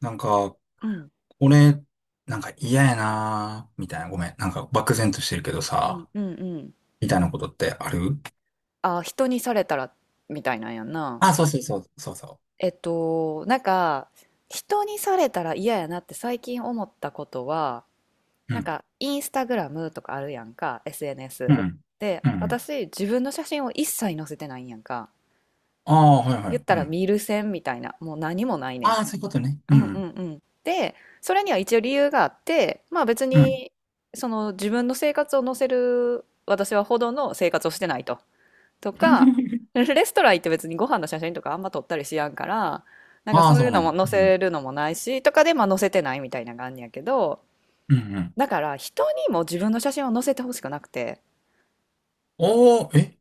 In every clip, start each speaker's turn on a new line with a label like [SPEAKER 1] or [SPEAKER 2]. [SPEAKER 1] なんか、
[SPEAKER 2] うん。
[SPEAKER 1] 俺、なんか嫌やなーみたいな、ごめん。なんか漠然としてるけど
[SPEAKER 2] うん
[SPEAKER 1] さ、
[SPEAKER 2] うんうん。
[SPEAKER 1] みたいなことってある。
[SPEAKER 2] あ、人にされたらみたいなんやんな。
[SPEAKER 1] あ、そうそうそう、そうそ
[SPEAKER 2] なんか人にされたら嫌やなって最近思ったことは、
[SPEAKER 1] う。う
[SPEAKER 2] なん
[SPEAKER 1] ん、
[SPEAKER 2] かインスタグラムとかあるやんか。
[SPEAKER 1] う
[SPEAKER 2] SNS
[SPEAKER 1] ん、
[SPEAKER 2] で
[SPEAKER 1] うん。
[SPEAKER 2] 私自分の写真を一切載せてないんやんか。
[SPEAKER 1] ああ、はいは
[SPEAKER 2] 言っ
[SPEAKER 1] い、
[SPEAKER 2] た
[SPEAKER 1] う
[SPEAKER 2] ら
[SPEAKER 1] ん。
[SPEAKER 2] 見る線みたいなもう何もないねん。
[SPEAKER 1] ああ、そういうことね。
[SPEAKER 2] う
[SPEAKER 1] う
[SPEAKER 2] んうん
[SPEAKER 1] ん、
[SPEAKER 2] うん。で、それには一応理由があって、まあ別
[SPEAKER 1] うん。
[SPEAKER 2] にその自分の生活を載せる私はほどの生活をしてないと、とか、レ ストラン行って別にご飯の写真とかあんま撮ったりしやんから、なんか
[SPEAKER 1] ああ、
[SPEAKER 2] そうい
[SPEAKER 1] そう
[SPEAKER 2] う
[SPEAKER 1] な
[SPEAKER 2] の
[SPEAKER 1] んや。
[SPEAKER 2] も載
[SPEAKER 1] うん、
[SPEAKER 2] せるのもないし、とかでまあ載せてないみたいな感じやけど、
[SPEAKER 1] うん、うん。
[SPEAKER 2] だから人にも自分の写真を載せてほしくなくて、
[SPEAKER 1] おー、え、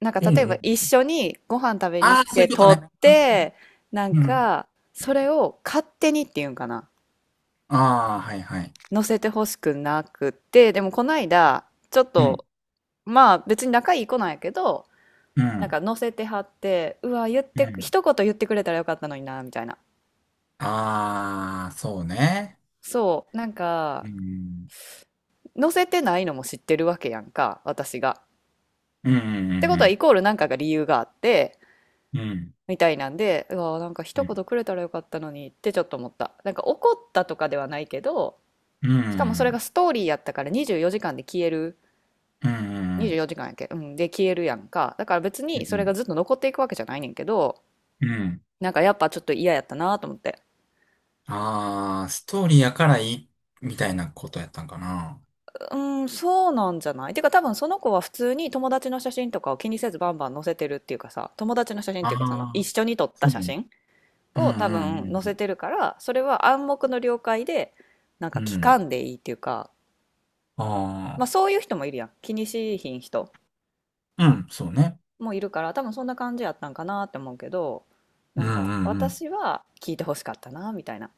[SPEAKER 2] なんか
[SPEAKER 1] う
[SPEAKER 2] 例え
[SPEAKER 1] ん、う
[SPEAKER 2] ば
[SPEAKER 1] ん。
[SPEAKER 2] 一緒にご飯食べに
[SPEAKER 1] あ
[SPEAKER 2] 行っ
[SPEAKER 1] あ、そう
[SPEAKER 2] て
[SPEAKER 1] いうこと
[SPEAKER 2] 撮
[SPEAKER 1] ね。
[SPEAKER 2] って、なん
[SPEAKER 1] うん。
[SPEAKER 2] かそれを勝手にっていうんかな、
[SPEAKER 1] ああ、はいはい。
[SPEAKER 2] 載せてほしくなくて、でもこの間、ちょっ
[SPEAKER 1] うん、
[SPEAKER 2] と、まあ別に仲いい子なんやけど、
[SPEAKER 1] う
[SPEAKER 2] なん
[SPEAKER 1] ん、
[SPEAKER 2] か載せてはって、うわ、言っ
[SPEAKER 1] う
[SPEAKER 2] て、
[SPEAKER 1] ん。
[SPEAKER 2] 一言言ってくれたらよかったのにな、みたいな。
[SPEAKER 1] ああ、そうね。
[SPEAKER 2] そう、なん
[SPEAKER 1] う
[SPEAKER 2] か、
[SPEAKER 1] ん、
[SPEAKER 2] 載せてないのも知ってるわけやんか、私が。
[SPEAKER 1] うん、う
[SPEAKER 2] ってことは、イ
[SPEAKER 1] ん、
[SPEAKER 2] コールなんかが理由があって、
[SPEAKER 1] うん、うん、
[SPEAKER 2] みたいなんで、うわ、なんか一言くれたらよかったのにってちょっと思った。なんか怒ったとかではないけど、
[SPEAKER 1] うん。う
[SPEAKER 2] しかもそれ
[SPEAKER 1] ん
[SPEAKER 2] がストーリーやったから24時間で消える。
[SPEAKER 1] うん、う
[SPEAKER 2] 24
[SPEAKER 1] ん、
[SPEAKER 2] 時間やっけ、うん、で消えるやんか。だから別
[SPEAKER 1] う
[SPEAKER 2] にそれが
[SPEAKER 1] ん。
[SPEAKER 2] ずっと残っていくわけじゃないねんけど、
[SPEAKER 1] うんうん。
[SPEAKER 2] なんかやっぱちょっと嫌やったなと思って。
[SPEAKER 1] ああ、ストーリーやからいい、みたいなことやったんかな。
[SPEAKER 2] うん、そうなんじゃない、てか多分その子は普通に友達の写真とかを気にせずバンバン載せてるっていうかさ、友達の写真っ
[SPEAKER 1] あ
[SPEAKER 2] ていうかその一
[SPEAKER 1] あ、
[SPEAKER 2] 緒に撮った
[SPEAKER 1] そう
[SPEAKER 2] 写
[SPEAKER 1] ね。
[SPEAKER 2] 真
[SPEAKER 1] うん、
[SPEAKER 2] を多
[SPEAKER 1] う
[SPEAKER 2] 分載せ
[SPEAKER 1] ん、
[SPEAKER 2] てるから、それは暗黙の了解で、なん
[SPEAKER 1] う
[SPEAKER 2] か
[SPEAKER 1] ん。う
[SPEAKER 2] 聞
[SPEAKER 1] ん。
[SPEAKER 2] かんでいいっていうか、ま
[SPEAKER 1] あ
[SPEAKER 2] あそういう人もいるやん。気にしいひん人
[SPEAKER 1] あ、うん、そうね。
[SPEAKER 2] もいるから、多分そんな感じやったんかなって思うけど、
[SPEAKER 1] う
[SPEAKER 2] な
[SPEAKER 1] ん、
[SPEAKER 2] んか
[SPEAKER 1] うん、うん。
[SPEAKER 2] 私は聞いてほしかったな、みたいな。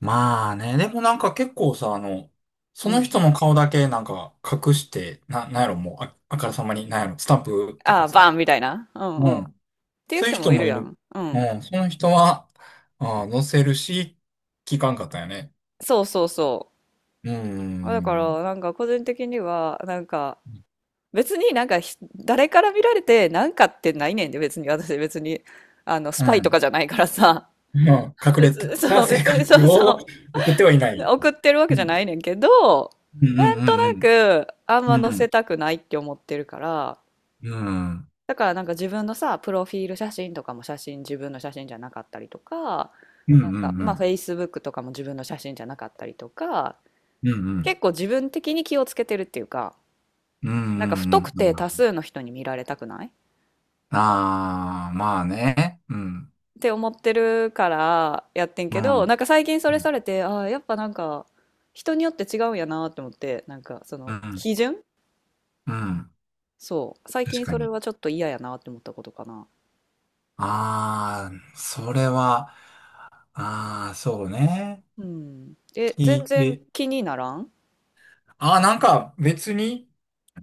[SPEAKER 1] まあね、でもなんか結構さ、
[SPEAKER 2] う
[SPEAKER 1] その
[SPEAKER 2] ん。
[SPEAKER 1] 人の顔だけなんか隠して、なんやろ、もう、あからさまに、なんやろ、スタンプと
[SPEAKER 2] ああ、
[SPEAKER 1] か
[SPEAKER 2] バン
[SPEAKER 1] さ。
[SPEAKER 2] みたいな。うん
[SPEAKER 1] う
[SPEAKER 2] うん。っ
[SPEAKER 1] ん。
[SPEAKER 2] ていう
[SPEAKER 1] そういう
[SPEAKER 2] 人
[SPEAKER 1] 人
[SPEAKER 2] もい
[SPEAKER 1] も
[SPEAKER 2] る
[SPEAKER 1] い
[SPEAKER 2] や
[SPEAKER 1] る。
[SPEAKER 2] ん。う
[SPEAKER 1] う
[SPEAKER 2] ん。
[SPEAKER 1] ん、その人は、ああ、載せるし、聞かんかったよね。
[SPEAKER 2] そうそうそう。
[SPEAKER 1] うん、う
[SPEAKER 2] あ、だか
[SPEAKER 1] ん、
[SPEAKER 2] らなんか個人的にはなんか、
[SPEAKER 1] うん。
[SPEAKER 2] 別になんか誰から見られてなんかってないねんで。別に私別にあのス
[SPEAKER 1] う
[SPEAKER 2] パイと
[SPEAKER 1] ん、
[SPEAKER 2] かじゃないからさ。
[SPEAKER 1] まあ、隠れ
[SPEAKER 2] 別に
[SPEAKER 1] た
[SPEAKER 2] そう、
[SPEAKER 1] 性
[SPEAKER 2] 別
[SPEAKER 1] 格
[SPEAKER 2] にそう
[SPEAKER 1] を
[SPEAKER 2] そ
[SPEAKER 1] 送ってはいな
[SPEAKER 2] う
[SPEAKER 1] い。
[SPEAKER 2] 送ってるわ
[SPEAKER 1] う
[SPEAKER 2] けじゃ
[SPEAKER 1] ん。
[SPEAKER 2] ないねんけど、
[SPEAKER 1] うんうん
[SPEAKER 2] なんと
[SPEAKER 1] う
[SPEAKER 2] な
[SPEAKER 1] ん
[SPEAKER 2] くあん
[SPEAKER 1] う
[SPEAKER 2] ま
[SPEAKER 1] ん。う
[SPEAKER 2] 載
[SPEAKER 1] ん。
[SPEAKER 2] せたくないって思ってるから、
[SPEAKER 1] うん
[SPEAKER 2] だからなんか自分のさプロフィール写真とかも写真自分の写真じゃなかったりとか、
[SPEAKER 1] うんう
[SPEAKER 2] なんかまあ
[SPEAKER 1] ん。
[SPEAKER 2] Facebook とかも自分の写真じゃなかったりとか、
[SPEAKER 1] うんうん。
[SPEAKER 2] 結構自分的に気をつけてるっていうか、
[SPEAKER 1] うんう
[SPEAKER 2] なんか不
[SPEAKER 1] ん
[SPEAKER 2] 特
[SPEAKER 1] うん
[SPEAKER 2] 定多
[SPEAKER 1] うん。
[SPEAKER 2] 数の人に見られたくないっ
[SPEAKER 1] ああ、まあね。うん。
[SPEAKER 2] て思ってるからやってん
[SPEAKER 1] う
[SPEAKER 2] けど、な
[SPEAKER 1] ん。
[SPEAKER 2] んか最近そ
[SPEAKER 1] う
[SPEAKER 2] れ
[SPEAKER 1] ん。
[SPEAKER 2] されて、ああ、やっぱなんか人によって違うんやなって思って、なんかそ
[SPEAKER 1] う
[SPEAKER 2] の
[SPEAKER 1] ん。
[SPEAKER 2] 基準、
[SPEAKER 1] うん、
[SPEAKER 2] そう。最
[SPEAKER 1] 確
[SPEAKER 2] 近
[SPEAKER 1] か
[SPEAKER 2] それ
[SPEAKER 1] に。
[SPEAKER 2] はちょっと嫌やなって思ったことかな。
[SPEAKER 1] ああ、それは、ああ、そうね。
[SPEAKER 2] うん。え、
[SPEAKER 1] 聞
[SPEAKER 2] 全
[SPEAKER 1] い
[SPEAKER 2] 然
[SPEAKER 1] て。
[SPEAKER 2] 気にならん。
[SPEAKER 1] ああ、なんか別に、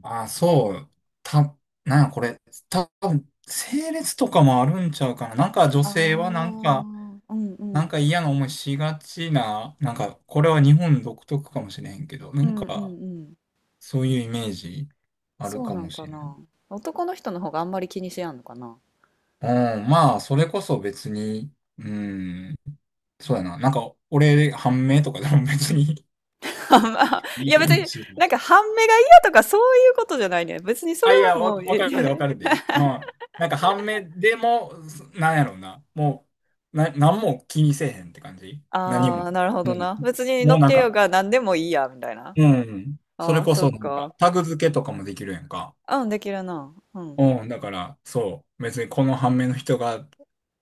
[SPEAKER 1] あ、そう。た、なんやこれ、多分、整列とかもあるんちゃうかな。なんか女
[SPEAKER 2] ああ、
[SPEAKER 1] 性はなんか、
[SPEAKER 2] うんう
[SPEAKER 1] なん
[SPEAKER 2] ん。
[SPEAKER 1] か嫌な思いしがちな、なんか、これは日本独特かもしれへんけど、な
[SPEAKER 2] う
[SPEAKER 1] ん
[SPEAKER 2] んう
[SPEAKER 1] か、
[SPEAKER 2] んうん。
[SPEAKER 1] そういうイメージある
[SPEAKER 2] そう
[SPEAKER 1] か
[SPEAKER 2] な
[SPEAKER 1] も
[SPEAKER 2] ん
[SPEAKER 1] し
[SPEAKER 2] か
[SPEAKER 1] れない。
[SPEAKER 2] な。男の人の方があんまり気にしやんのかな。
[SPEAKER 1] うん、まあ、それこそ別に、うん、そうやな。なんか、俺、判明とかでも別に
[SPEAKER 2] あんま
[SPEAKER 1] い
[SPEAKER 2] い
[SPEAKER 1] い
[SPEAKER 2] や別
[SPEAKER 1] 感
[SPEAKER 2] に、
[SPEAKER 1] じ。
[SPEAKER 2] なんか半目が嫌とかそういうことじゃないね。別にそ
[SPEAKER 1] あ、
[SPEAKER 2] れ
[SPEAKER 1] い
[SPEAKER 2] は
[SPEAKER 1] や、
[SPEAKER 2] もう、
[SPEAKER 1] わ
[SPEAKER 2] え。
[SPEAKER 1] かるで、わかる で。うん。なんか半目でも、す、なんやろうな。もう、なんも気にせえへんって感じ何
[SPEAKER 2] あ
[SPEAKER 1] も。
[SPEAKER 2] あ、なるほ
[SPEAKER 1] う
[SPEAKER 2] ど
[SPEAKER 1] ん。
[SPEAKER 2] な。別に乗
[SPEAKER 1] もう
[SPEAKER 2] っ
[SPEAKER 1] なん
[SPEAKER 2] てよう
[SPEAKER 1] か、
[SPEAKER 2] が何でもいいや、みたいな。
[SPEAKER 1] うん。そ
[SPEAKER 2] あ
[SPEAKER 1] れ
[SPEAKER 2] あ、
[SPEAKER 1] こ
[SPEAKER 2] そっ
[SPEAKER 1] そ、なん
[SPEAKER 2] か。
[SPEAKER 1] か、タグ付けとかもできるやんか。
[SPEAKER 2] うん、できるな。うん。
[SPEAKER 1] うん。だから、そう。別にこの半目の人が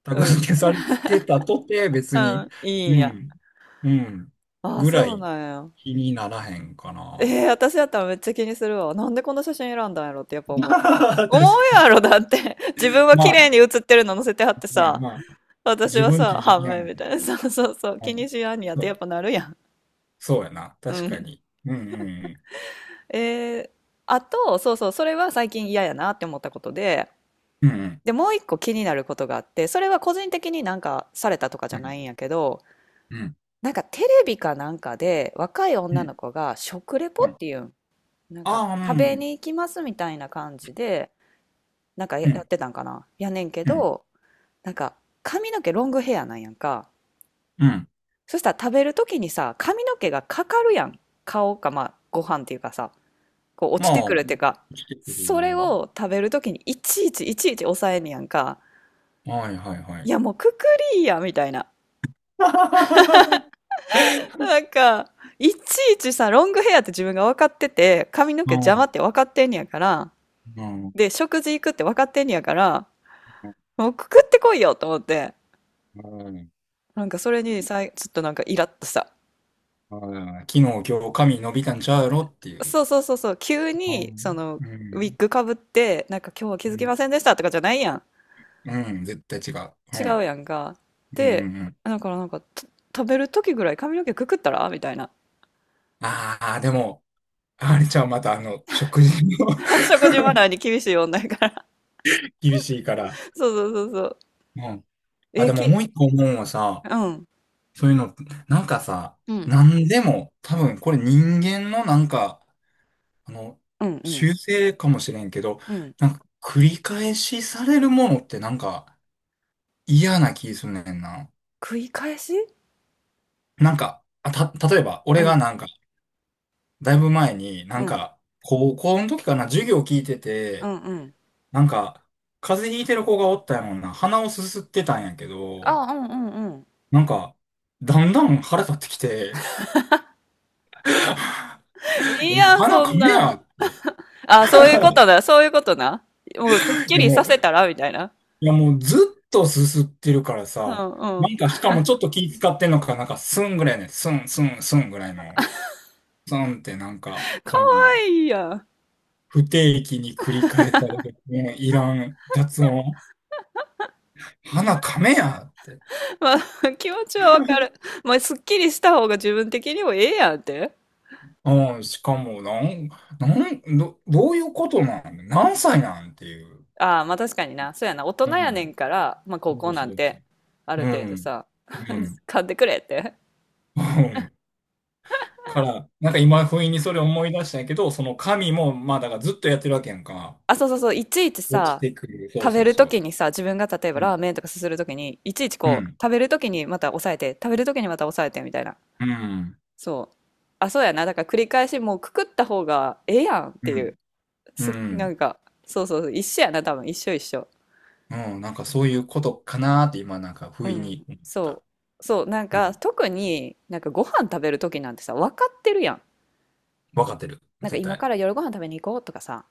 [SPEAKER 1] タ
[SPEAKER 2] う
[SPEAKER 1] グ
[SPEAKER 2] うん。
[SPEAKER 1] 付け
[SPEAKER 2] んう
[SPEAKER 1] されてたとて、
[SPEAKER 2] ん
[SPEAKER 1] 別
[SPEAKER 2] う
[SPEAKER 1] に、
[SPEAKER 2] ん、いいん
[SPEAKER 1] う
[SPEAKER 2] や。
[SPEAKER 1] ん。うん、
[SPEAKER 2] ああ、
[SPEAKER 1] ぐら
[SPEAKER 2] そう
[SPEAKER 1] い
[SPEAKER 2] なんや。
[SPEAKER 1] 気にならへんか
[SPEAKER 2] ええ、
[SPEAKER 1] な。
[SPEAKER 2] 私だったらめっちゃ気にするわ。なんでこの写真選んだんやろってやっぱ
[SPEAKER 1] 確
[SPEAKER 2] 思う。思う
[SPEAKER 1] か
[SPEAKER 2] や
[SPEAKER 1] に。
[SPEAKER 2] ろ、だって。自分は
[SPEAKER 1] ま
[SPEAKER 2] 綺麗
[SPEAKER 1] あ、
[SPEAKER 2] に写ってるの載せてはって
[SPEAKER 1] まあ、
[SPEAKER 2] さ、
[SPEAKER 1] まあ、
[SPEAKER 2] 私
[SPEAKER 1] 自
[SPEAKER 2] は
[SPEAKER 1] 分自
[SPEAKER 2] さ、
[SPEAKER 1] 身
[SPEAKER 2] 半
[SPEAKER 1] や
[SPEAKER 2] 面
[SPEAKER 1] ん。
[SPEAKER 2] みたいな。そうそうそう。
[SPEAKER 1] う
[SPEAKER 2] 気
[SPEAKER 1] ん。
[SPEAKER 2] にしやんにやって
[SPEAKER 1] そ、
[SPEAKER 2] やっぱなるやん。
[SPEAKER 1] そうやな。確
[SPEAKER 2] う
[SPEAKER 1] か
[SPEAKER 2] ん。
[SPEAKER 1] に。うん
[SPEAKER 2] えー、あと、そうそう、それは最近嫌やなって思ったことで、
[SPEAKER 1] うんうん。
[SPEAKER 2] で、もう一個気になることがあって、それは個人的になんかされたとかじ
[SPEAKER 1] う
[SPEAKER 2] ゃな
[SPEAKER 1] ん
[SPEAKER 2] いんやけど、
[SPEAKER 1] うんうん
[SPEAKER 2] なんかテレビかなんかで若い
[SPEAKER 1] う
[SPEAKER 2] 女
[SPEAKER 1] ん。
[SPEAKER 2] の子が食レポ
[SPEAKER 1] う
[SPEAKER 2] っ
[SPEAKER 1] ん。
[SPEAKER 2] ていうん、なんか
[SPEAKER 1] ああ、
[SPEAKER 2] 食
[SPEAKER 1] う
[SPEAKER 2] べ
[SPEAKER 1] ん。
[SPEAKER 2] に行きますみたいな感じで、なんか
[SPEAKER 1] う
[SPEAKER 2] やっ
[SPEAKER 1] ん
[SPEAKER 2] てたんかな。やねんけ
[SPEAKER 1] うん。
[SPEAKER 2] ど、なんか髪の毛ロングヘアなんやんか。
[SPEAKER 1] うん。
[SPEAKER 2] そしたら食べる時にさ、髪の毛がかかるやん。顔か、まあご飯っていうかさ、こう落
[SPEAKER 1] ま
[SPEAKER 2] ち
[SPEAKER 1] あ、
[SPEAKER 2] てくるっていうか、
[SPEAKER 1] 来てくる。
[SPEAKER 2] それを食べる時にいちいちいちいち抑えんねやんか。
[SPEAKER 1] はいはいは
[SPEAKER 2] い
[SPEAKER 1] い。
[SPEAKER 2] やもうくくりーやみたいな。なんか、いちいちさ、ロングヘアって自分が分かってて、髪の毛
[SPEAKER 1] う
[SPEAKER 2] 邪魔
[SPEAKER 1] ん。
[SPEAKER 2] って分かってんねやから、
[SPEAKER 1] うん。
[SPEAKER 2] で、食事行くって分かってんねやから、
[SPEAKER 1] うん。
[SPEAKER 2] もうくくってこいよと思って、
[SPEAKER 1] うん、
[SPEAKER 2] なんかそれにさい、ちょっとなんかイラッとした。
[SPEAKER 1] 昨日、今日、髪伸びたんちゃうやろっていう。
[SPEAKER 2] そうそうそうそう、急
[SPEAKER 1] う
[SPEAKER 2] に、そ
[SPEAKER 1] ん。
[SPEAKER 2] の、
[SPEAKER 1] う
[SPEAKER 2] ウィッ
[SPEAKER 1] ん。
[SPEAKER 2] グかぶって、なんか今日は気づ
[SPEAKER 1] う
[SPEAKER 2] き
[SPEAKER 1] ん。
[SPEAKER 2] ませんでしたとかじゃないやん。
[SPEAKER 1] うん、絶対違う。
[SPEAKER 2] 違
[SPEAKER 1] うん。
[SPEAKER 2] うやんか。
[SPEAKER 1] うん
[SPEAKER 2] で、
[SPEAKER 1] うんうん。
[SPEAKER 2] だからなんか、食べる時ぐらい髪の毛くくったらみたいな。
[SPEAKER 1] ああ、でも、あれちゃう、またあの、食事も
[SPEAKER 2] 食事マナーに厳しい女やから。
[SPEAKER 1] 厳しいから。
[SPEAKER 2] そうそうそうそう。
[SPEAKER 1] うん、あ、
[SPEAKER 2] え、
[SPEAKER 1] でも
[SPEAKER 2] き、
[SPEAKER 1] もう一個思うのはさ、
[SPEAKER 2] うん。
[SPEAKER 1] そういうの、なんかさ、
[SPEAKER 2] うん。
[SPEAKER 1] なんでも、多分これ人間のなんか、あの、
[SPEAKER 2] うんうん。
[SPEAKER 1] 習性かもしれんけど、
[SPEAKER 2] うん。
[SPEAKER 1] なんか繰り返しされるものってなんか嫌な気すんねんな。
[SPEAKER 2] 繰り返し、
[SPEAKER 1] なんか、例えば
[SPEAKER 2] う
[SPEAKER 1] 俺が
[SPEAKER 2] ん、
[SPEAKER 1] なんか、だいぶ前にな
[SPEAKER 2] う
[SPEAKER 1] ん
[SPEAKER 2] ん、
[SPEAKER 1] か、高校の時かな、授業聞いて
[SPEAKER 2] う
[SPEAKER 1] て、
[SPEAKER 2] ん、うん。
[SPEAKER 1] なんか、風邪ひいてる子がおったやもんな、鼻をすすってたんやけど、
[SPEAKER 2] あ、うん、うん、うん。
[SPEAKER 1] なんか、だんだん腹立ってきて、
[SPEAKER 2] い
[SPEAKER 1] い
[SPEAKER 2] い
[SPEAKER 1] や
[SPEAKER 2] やん、
[SPEAKER 1] 鼻
[SPEAKER 2] そん
[SPEAKER 1] 噛め
[SPEAKER 2] な。
[SPEAKER 1] やって。
[SPEAKER 2] あ、そういうことな、そういうことな。もうすっ
[SPEAKER 1] い
[SPEAKER 2] き
[SPEAKER 1] や
[SPEAKER 2] りさ
[SPEAKER 1] もう、
[SPEAKER 2] せたらみたいな。
[SPEAKER 1] いやもうずっとすすってるから
[SPEAKER 2] う
[SPEAKER 1] さ、
[SPEAKER 2] ん、う
[SPEAKER 1] な
[SPEAKER 2] ん。
[SPEAKER 1] んかしかもちょっと気使ってんのか、なんかスンぐらいね、スンスンスンぐらいの、スンってなんか、
[SPEAKER 2] か
[SPEAKER 1] こう
[SPEAKER 2] わいいやん。
[SPEAKER 1] 不定期に繰り返される、もういらん雑音。鼻かめやって。
[SPEAKER 2] まあ、気持ちはわかる。まあ、すっきりした方が自分的にもええやんって。
[SPEAKER 1] うん、しかも、なん、なん、ど、どういうことなん、何歳なんっていう。
[SPEAKER 2] ああ、まあ確かにな。そうやな。大人
[SPEAKER 1] う
[SPEAKER 2] やね
[SPEAKER 1] ん。
[SPEAKER 2] んから、まあ高
[SPEAKER 1] そ
[SPEAKER 2] 校
[SPEAKER 1] う
[SPEAKER 2] な
[SPEAKER 1] そ
[SPEAKER 2] ん
[SPEAKER 1] うそう。
[SPEAKER 2] て、ある
[SPEAKER 1] う
[SPEAKER 2] 程度
[SPEAKER 1] ん。
[SPEAKER 2] さ、
[SPEAKER 1] う ん。
[SPEAKER 2] 買ってくれって。
[SPEAKER 1] うん。から、なんか今、不意にそれ思い出したんやけど、その神も、まあ、だからずっとやってるわけやんか。
[SPEAKER 2] あ、そうそうそう、いちいち
[SPEAKER 1] 落ち
[SPEAKER 2] さ、
[SPEAKER 1] てくる。そう
[SPEAKER 2] 食べ
[SPEAKER 1] そう
[SPEAKER 2] ると
[SPEAKER 1] そ
[SPEAKER 2] きにさ、自分が例えば
[SPEAKER 1] う。うん。
[SPEAKER 2] ラーメンとかすするときに、いちいち
[SPEAKER 1] う
[SPEAKER 2] こう、
[SPEAKER 1] ん。
[SPEAKER 2] 食べるときにまた抑えて、食べるときにまた抑えてみたいな。
[SPEAKER 1] うん。
[SPEAKER 2] そう。あ、そうやな。だから繰り返しもうくくった方がええやんっ
[SPEAKER 1] う
[SPEAKER 2] ていう。
[SPEAKER 1] ん。う
[SPEAKER 2] な
[SPEAKER 1] ん。
[SPEAKER 2] んか、そうそうそう、一緒やな、多分。一緒一緒。
[SPEAKER 1] うん、なんかそういうことかなーって今、なんか
[SPEAKER 2] う
[SPEAKER 1] 不意
[SPEAKER 2] ん。
[SPEAKER 1] に思った。
[SPEAKER 2] そう。そう、なん
[SPEAKER 1] う
[SPEAKER 2] か、
[SPEAKER 1] ん。
[SPEAKER 2] 特になんかご飯食べるときなんてさ、分かってるやん。
[SPEAKER 1] わかってる。
[SPEAKER 2] なんか
[SPEAKER 1] 絶
[SPEAKER 2] 今
[SPEAKER 1] 対。
[SPEAKER 2] から夜ご飯食べに行こうとかさ、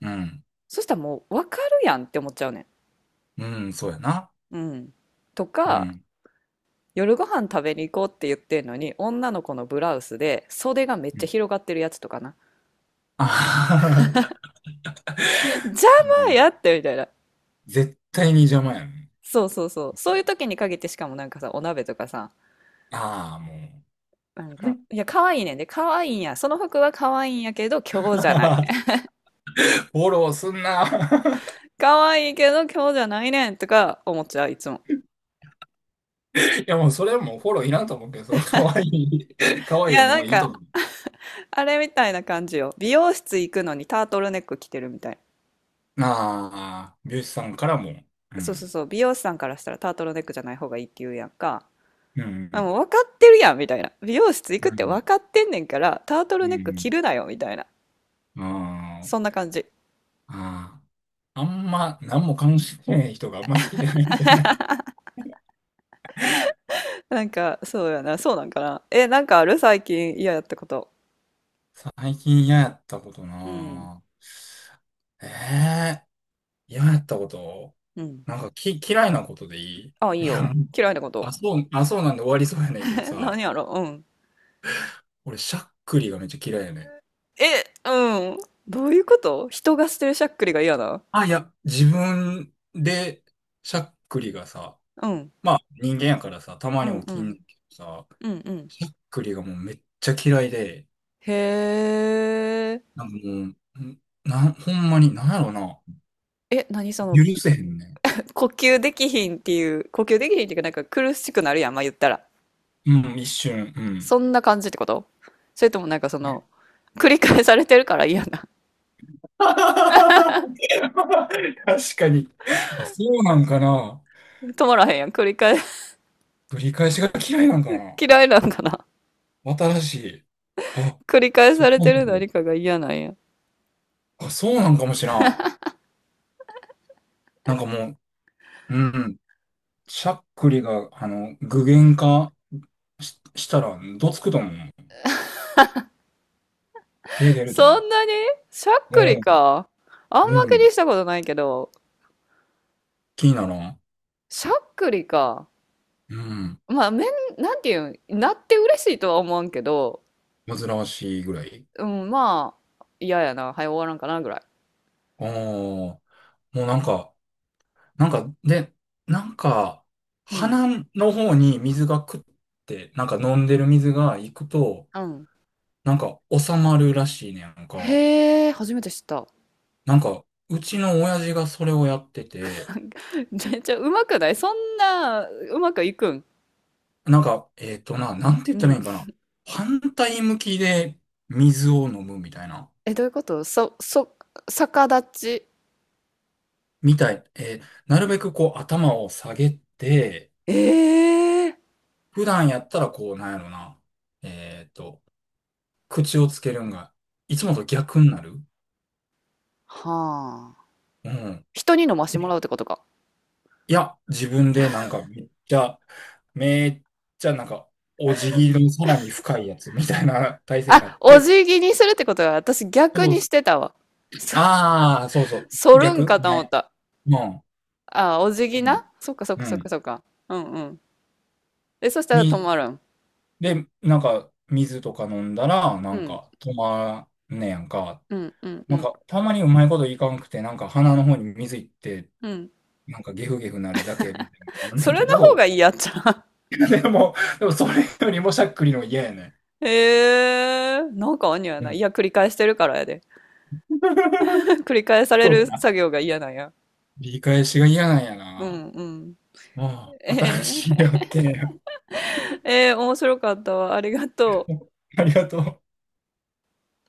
[SPEAKER 1] うん。
[SPEAKER 2] そしたらもう分かるやんって思っちゃうね
[SPEAKER 1] うん、そうやな。
[SPEAKER 2] ん。うん。と
[SPEAKER 1] う
[SPEAKER 2] か、
[SPEAKER 1] ん。
[SPEAKER 2] 夜ご飯食べに行こうって言ってんのに、女の子のブラウスで袖がめっ
[SPEAKER 1] う
[SPEAKER 2] ちゃ
[SPEAKER 1] ん。
[SPEAKER 2] 広がってるやつとかな。
[SPEAKER 1] あはは、
[SPEAKER 2] 邪
[SPEAKER 1] う
[SPEAKER 2] 魔
[SPEAKER 1] ん、
[SPEAKER 2] やってみたいな。
[SPEAKER 1] 絶対に邪魔やん。
[SPEAKER 2] そうそうそう。そういう時に限ってしかもなんかさ、お鍋とかさ、
[SPEAKER 1] ああ、も
[SPEAKER 2] なんか、
[SPEAKER 1] う。
[SPEAKER 2] いや、可愛いねんで、可愛いんや。その服は可愛いんやけど、今日じゃない。
[SPEAKER 1] フォローすんな。
[SPEAKER 2] 可愛いけど、今日じゃないねんとか思っちゃう、いつも。
[SPEAKER 1] いやもうそれはもうフォローいらんと思うけど、その可愛い、可
[SPEAKER 2] い
[SPEAKER 1] 愛い
[SPEAKER 2] や、な
[SPEAKER 1] も
[SPEAKER 2] ん
[SPEAKER 1] ういいと
[SPEAKER 2] か、
[SPEAKER 1] 思う。
[SPEAKER 2] あれみたいな感じよ。美容室行くのにタートルネック着てるみたい。
[SPEAKER 1] ああ、美容師さんからも。う
[SPEAKER 2] そうそう
[SPEAKER 1] ん。
[SPEAKER 2] そう。美容師さんからしたらタートルネックじゃない方がいいって言うやんか。
[SPEAKER 1] う
[SPEAKER 2] あ、
[SPEAKER 1] ん。
[SPEAKER 2] もう分かってるやんみたいな。美容室行
[SPEAKER 1] う
[SPEAKER 2] くって
[SPEAKER 1] ん。
[SPEAKER 2] 分かってんねんから、タート
[SPEAKER 1] う
[SPEAKER 2] ルネック着
[SPEAKER 1] ん。
[SPEAKER 2] るなよみたいな。
[SPEAKER 1] うん、あ
[SPEAKER 2] そんな
[SPEAKER 1] ー、
[SPEAKER 2] 感じ。
[SPEAKER 1] あー、あんま何も関心ない人があんま好きじゃないんじゃない？
[SPEAKER 2] なんか、そうやな、そうなんかな。え、なんかある最近嫌やったこと。
[SPEAKER 1] 最近嫌やったこと
[SPEAKER 2] うん。
[SPEAKER 1] なぁ。え嫌やったこと。
[SPEAKER 2] うん。
[SPEAKER 1] なんかき、嫌いなことでいい。
[SPEAKER 2] あ、いい
[SPEAKER 1] いや、
[SPEAKER 2] よ。嫌いなこと。
[SPEAKER 1] あ、そうなんで終わりそうや ねんけど
[SPEAKER 2] え、
[SPEAKER 1] さ、
[SPEAKER 2] 何やろう。ん。
[SPEAKER 1] 俺、しゃっくりがめっちゃ嫌いやねん。
[SPEAKER 2] え、うん。どういうこと、人がしてるしゃっくりが嫌な。
[SPEAKER 1] あ、いや、自分で、しゃっくりがさ、
[SPEAKER 2] うん。
[SPEAKER 1] まあ人間やからさ、たま
[SPEAKER 2] う
[SPEAKER 1] に
[SPEAKER 2] ん、
[SPEAKER 1] 起
[SPEAKER 2] う
[SPEAKER 1] きん
[SPEAKER 2] ん。
[SPEAKER 1] けどさ、
[SPEAKER 2] うん、うん。
[SPEAKER 1] しゃっくりがもうめっちゃ嫌いで、
[SPEAKER 2] へえ。
[SPEAKER 1] なんかもう、んなん、ほんまに、なんやろな、
[SPEAKER 2] え、何その、
[SPEAKER 1] 許せへんね
[SPEAKER 2] 呼吸できひんっていう、呼吸できひんっていうか、なんか苦しくなるやん、まあ言ったら。
[SPEAKER 1] ん。うん、一瞬、うん。
[SPEAKER 2] そんな感じってこと、それともなんかそ
[SPEAKER 1] ね、
[SPEAKER 2] の、繰り返されてるから嫌な。
[SPEAKER 1] 確かに。あ、そうなんかな。
[SPEAKER 2] 止まらへんやん。繰り返、
[SPEAKER 1] 繰り返しが嫌いなんかな。
[SPEAKER 2] 嫌いなんかな。
[SPEAKER 1] 新しい。あ、
[SPEAKER 2] 繰り返
[SPEAKER 1] そ
[SPEAKER 2] さ
[SPEAKER 1] こ
[SPEAKER 2] れ
[SPEAKER 1] ま
[SPEAKER 2] てる
[SPEAKER 1] で。
[SPEAKER 2] 何かが嫌なんや。
[SPEAKER 1] あ、そうなんかもしらん。なんかもう、うん。しゃっくりが、あの、具現化し、したら、どつくと思う。手出ると思
[SPEAKER 2] そんなにしゃっ
[SPEAKER 1] う。
[SPEAKER 2] く
[SPEAKER 1] う
[SPEAKER 2] り
[SPEAKER 1] ん、
[SPEAKER 2] か。あんま
[SPEAKER 1] う
[SPEAKER 2] 気に
[SPEAKER 1] ん。
[SPEAKER 2] したことないけど、
[SPEAKER 1] 気にならん。
[SPEAKER 2] しゃっくりか。
[SPEAKER 1] うん。
[SPEAKER 2] まあ、なんていうん、なって嬉しいとは思わんけど、
[SPEAKER 1] 煩わしいぐらい。
[SPEAKER 2] うん、まあ、嫌やな。はい、終わらんかなぐらい。
[SPEAKER 1] ああ、もうなんか、なんか、で、なんか、
[SPEAKER 2] うん。
[SPEAKER 1] 鼻の方に水がくって、なんか飲んでる水が行くと、
[SPEAKER 2] うん。
[SPEAKER 1] なんか収まるらしいね、なんか。
[SPEAKER 2] へえ、初めて知った。
[SPEAKER 1] なんか、うちの親父がそれをやってて、
[SPEAKER 2] めっちゃうまくない、そんな、うまくいくん。
[SPEAKER 1] なんか、えっとな、なんて言
[SPEAKER 2] う
[SPEAKER 1] ったらいい
[SPEAKER 2] ん。
[SPEAKER 1] んかな。反対向きで水を飲むみたいな。
[SPEAKER 2] え、どういうこと、逆立ち。
[SPEAKER 1] みたい。えー、なるべくこう頭を下げて、
[SPEAKER 2] ええー。
[SPEAKER 1] 普段やったらこう、なんやろな。えっと、口をつけるんが、いつもと逆になる。
[SPEAKER 2] はあ。
[SPEAKER 1] うん。
[SPEAKER 2] 人に飲ましても
[SPEAKER 1] え
[SPEAKER 2] らうってことか。
[SPEAKER 1] いや、自分でなんかめっちゃ、めっちゃなんか、お辞儀のさらに深いやつみたいな体勢になっ
[SPEAKER 2] あ、お
[SPEAKER 1] て、
[SPEAKER 2] 辞儀にするってことは、私逆
[SPEAKER 1] そう
[SPEAKER 2] に
[SPEAKER 1] そ
[SPEAKER 2] して
[SPEAKER 1] う。
[SPEAKER 2] たわ。そ、
[SPEAKER 1] ああ、そうそ
[SPEAKER 2] そ
[SPEAKER 1] う。
[SPEAKER 2] るん
[SPEAKER 1] 逆。
[SPEAKER 2] かと思っ
[SPEAKER 1] は、
[SPEAKER 2] た。
[SPEAKER 1] うん。
[SPEAKER 2] あ、お辞
[SPEAKER 1] う
[SPEAKER 2] 儀
[SPEAKER 1] ん。
[SPEAKER 2] な、そっかそっ
[SPEAKER 1] う
[SPEAKER 2] かそっか
[SPEAKER 1] ん。
[SPEAKER 2] そっか。うんうん。え、そしたら止
[SPEAKER 1] に
[SPEAKER 2] まるん。
[SPEAKER 1] で、なんか、水とか飲んだら、な
[SPEAKER 2] う
[SPEAKER 1] ん
[SPEAKER 2] ん。
[SPEAKER 1] か、止まんねやんか。
[SPEAKER 2] うんうんう
[SPEAKER 1] なん
[SPEAKER 2] ん。
[SPEAKER 1] か、たまにうまいこといかんくて、なんか、鼻の方に水いって、
[SPEAKER 2] うん。
[SPEAKER 1] なんか、ゲフゲフなるだけみたいなのもあんね
[SPEAKER 2] そ
[SPEAKER 1] ん
[SPEAKER 2] れ
[SPEAKER 1] け
[SPEAKER 2] の方
[SPEAKER 1] ど、
[SPEAKER 2] がいいやっちゃう。
[SPEAKER 1] でも、でも、それよりもしゃっくりの嫌やね
[SPEAKER 2] ええー、なんかにや
[SPEAKER 1] ん。う
[SPEAKER 2] ない。
[SPEAKER 1] ん。
[SPEAKER 2] いや、繰り返してるからやで。繰り返され
[SPEAKER 1] そう
[SPEAKER 2] る
[SPEAKER 1] か。
[SPEAKER 2] 作業が嫌なんや。
[SPEAKER 1] 理解しが嫌なんや
[SPEAKER 2] うん
[SPEAKER 1] な。
[SPEAKER 2] うん。
[SPEAKER 1] あ
[SPEAKER 2] え
[SPEAKER 1] あ、新しい
[SPEAKER 2] え
[SPEAKER 1] 発見や。
[SPEAKER 2] えー、面白かったわ。ありがとう。
[SPEAKER 1] ありがとう。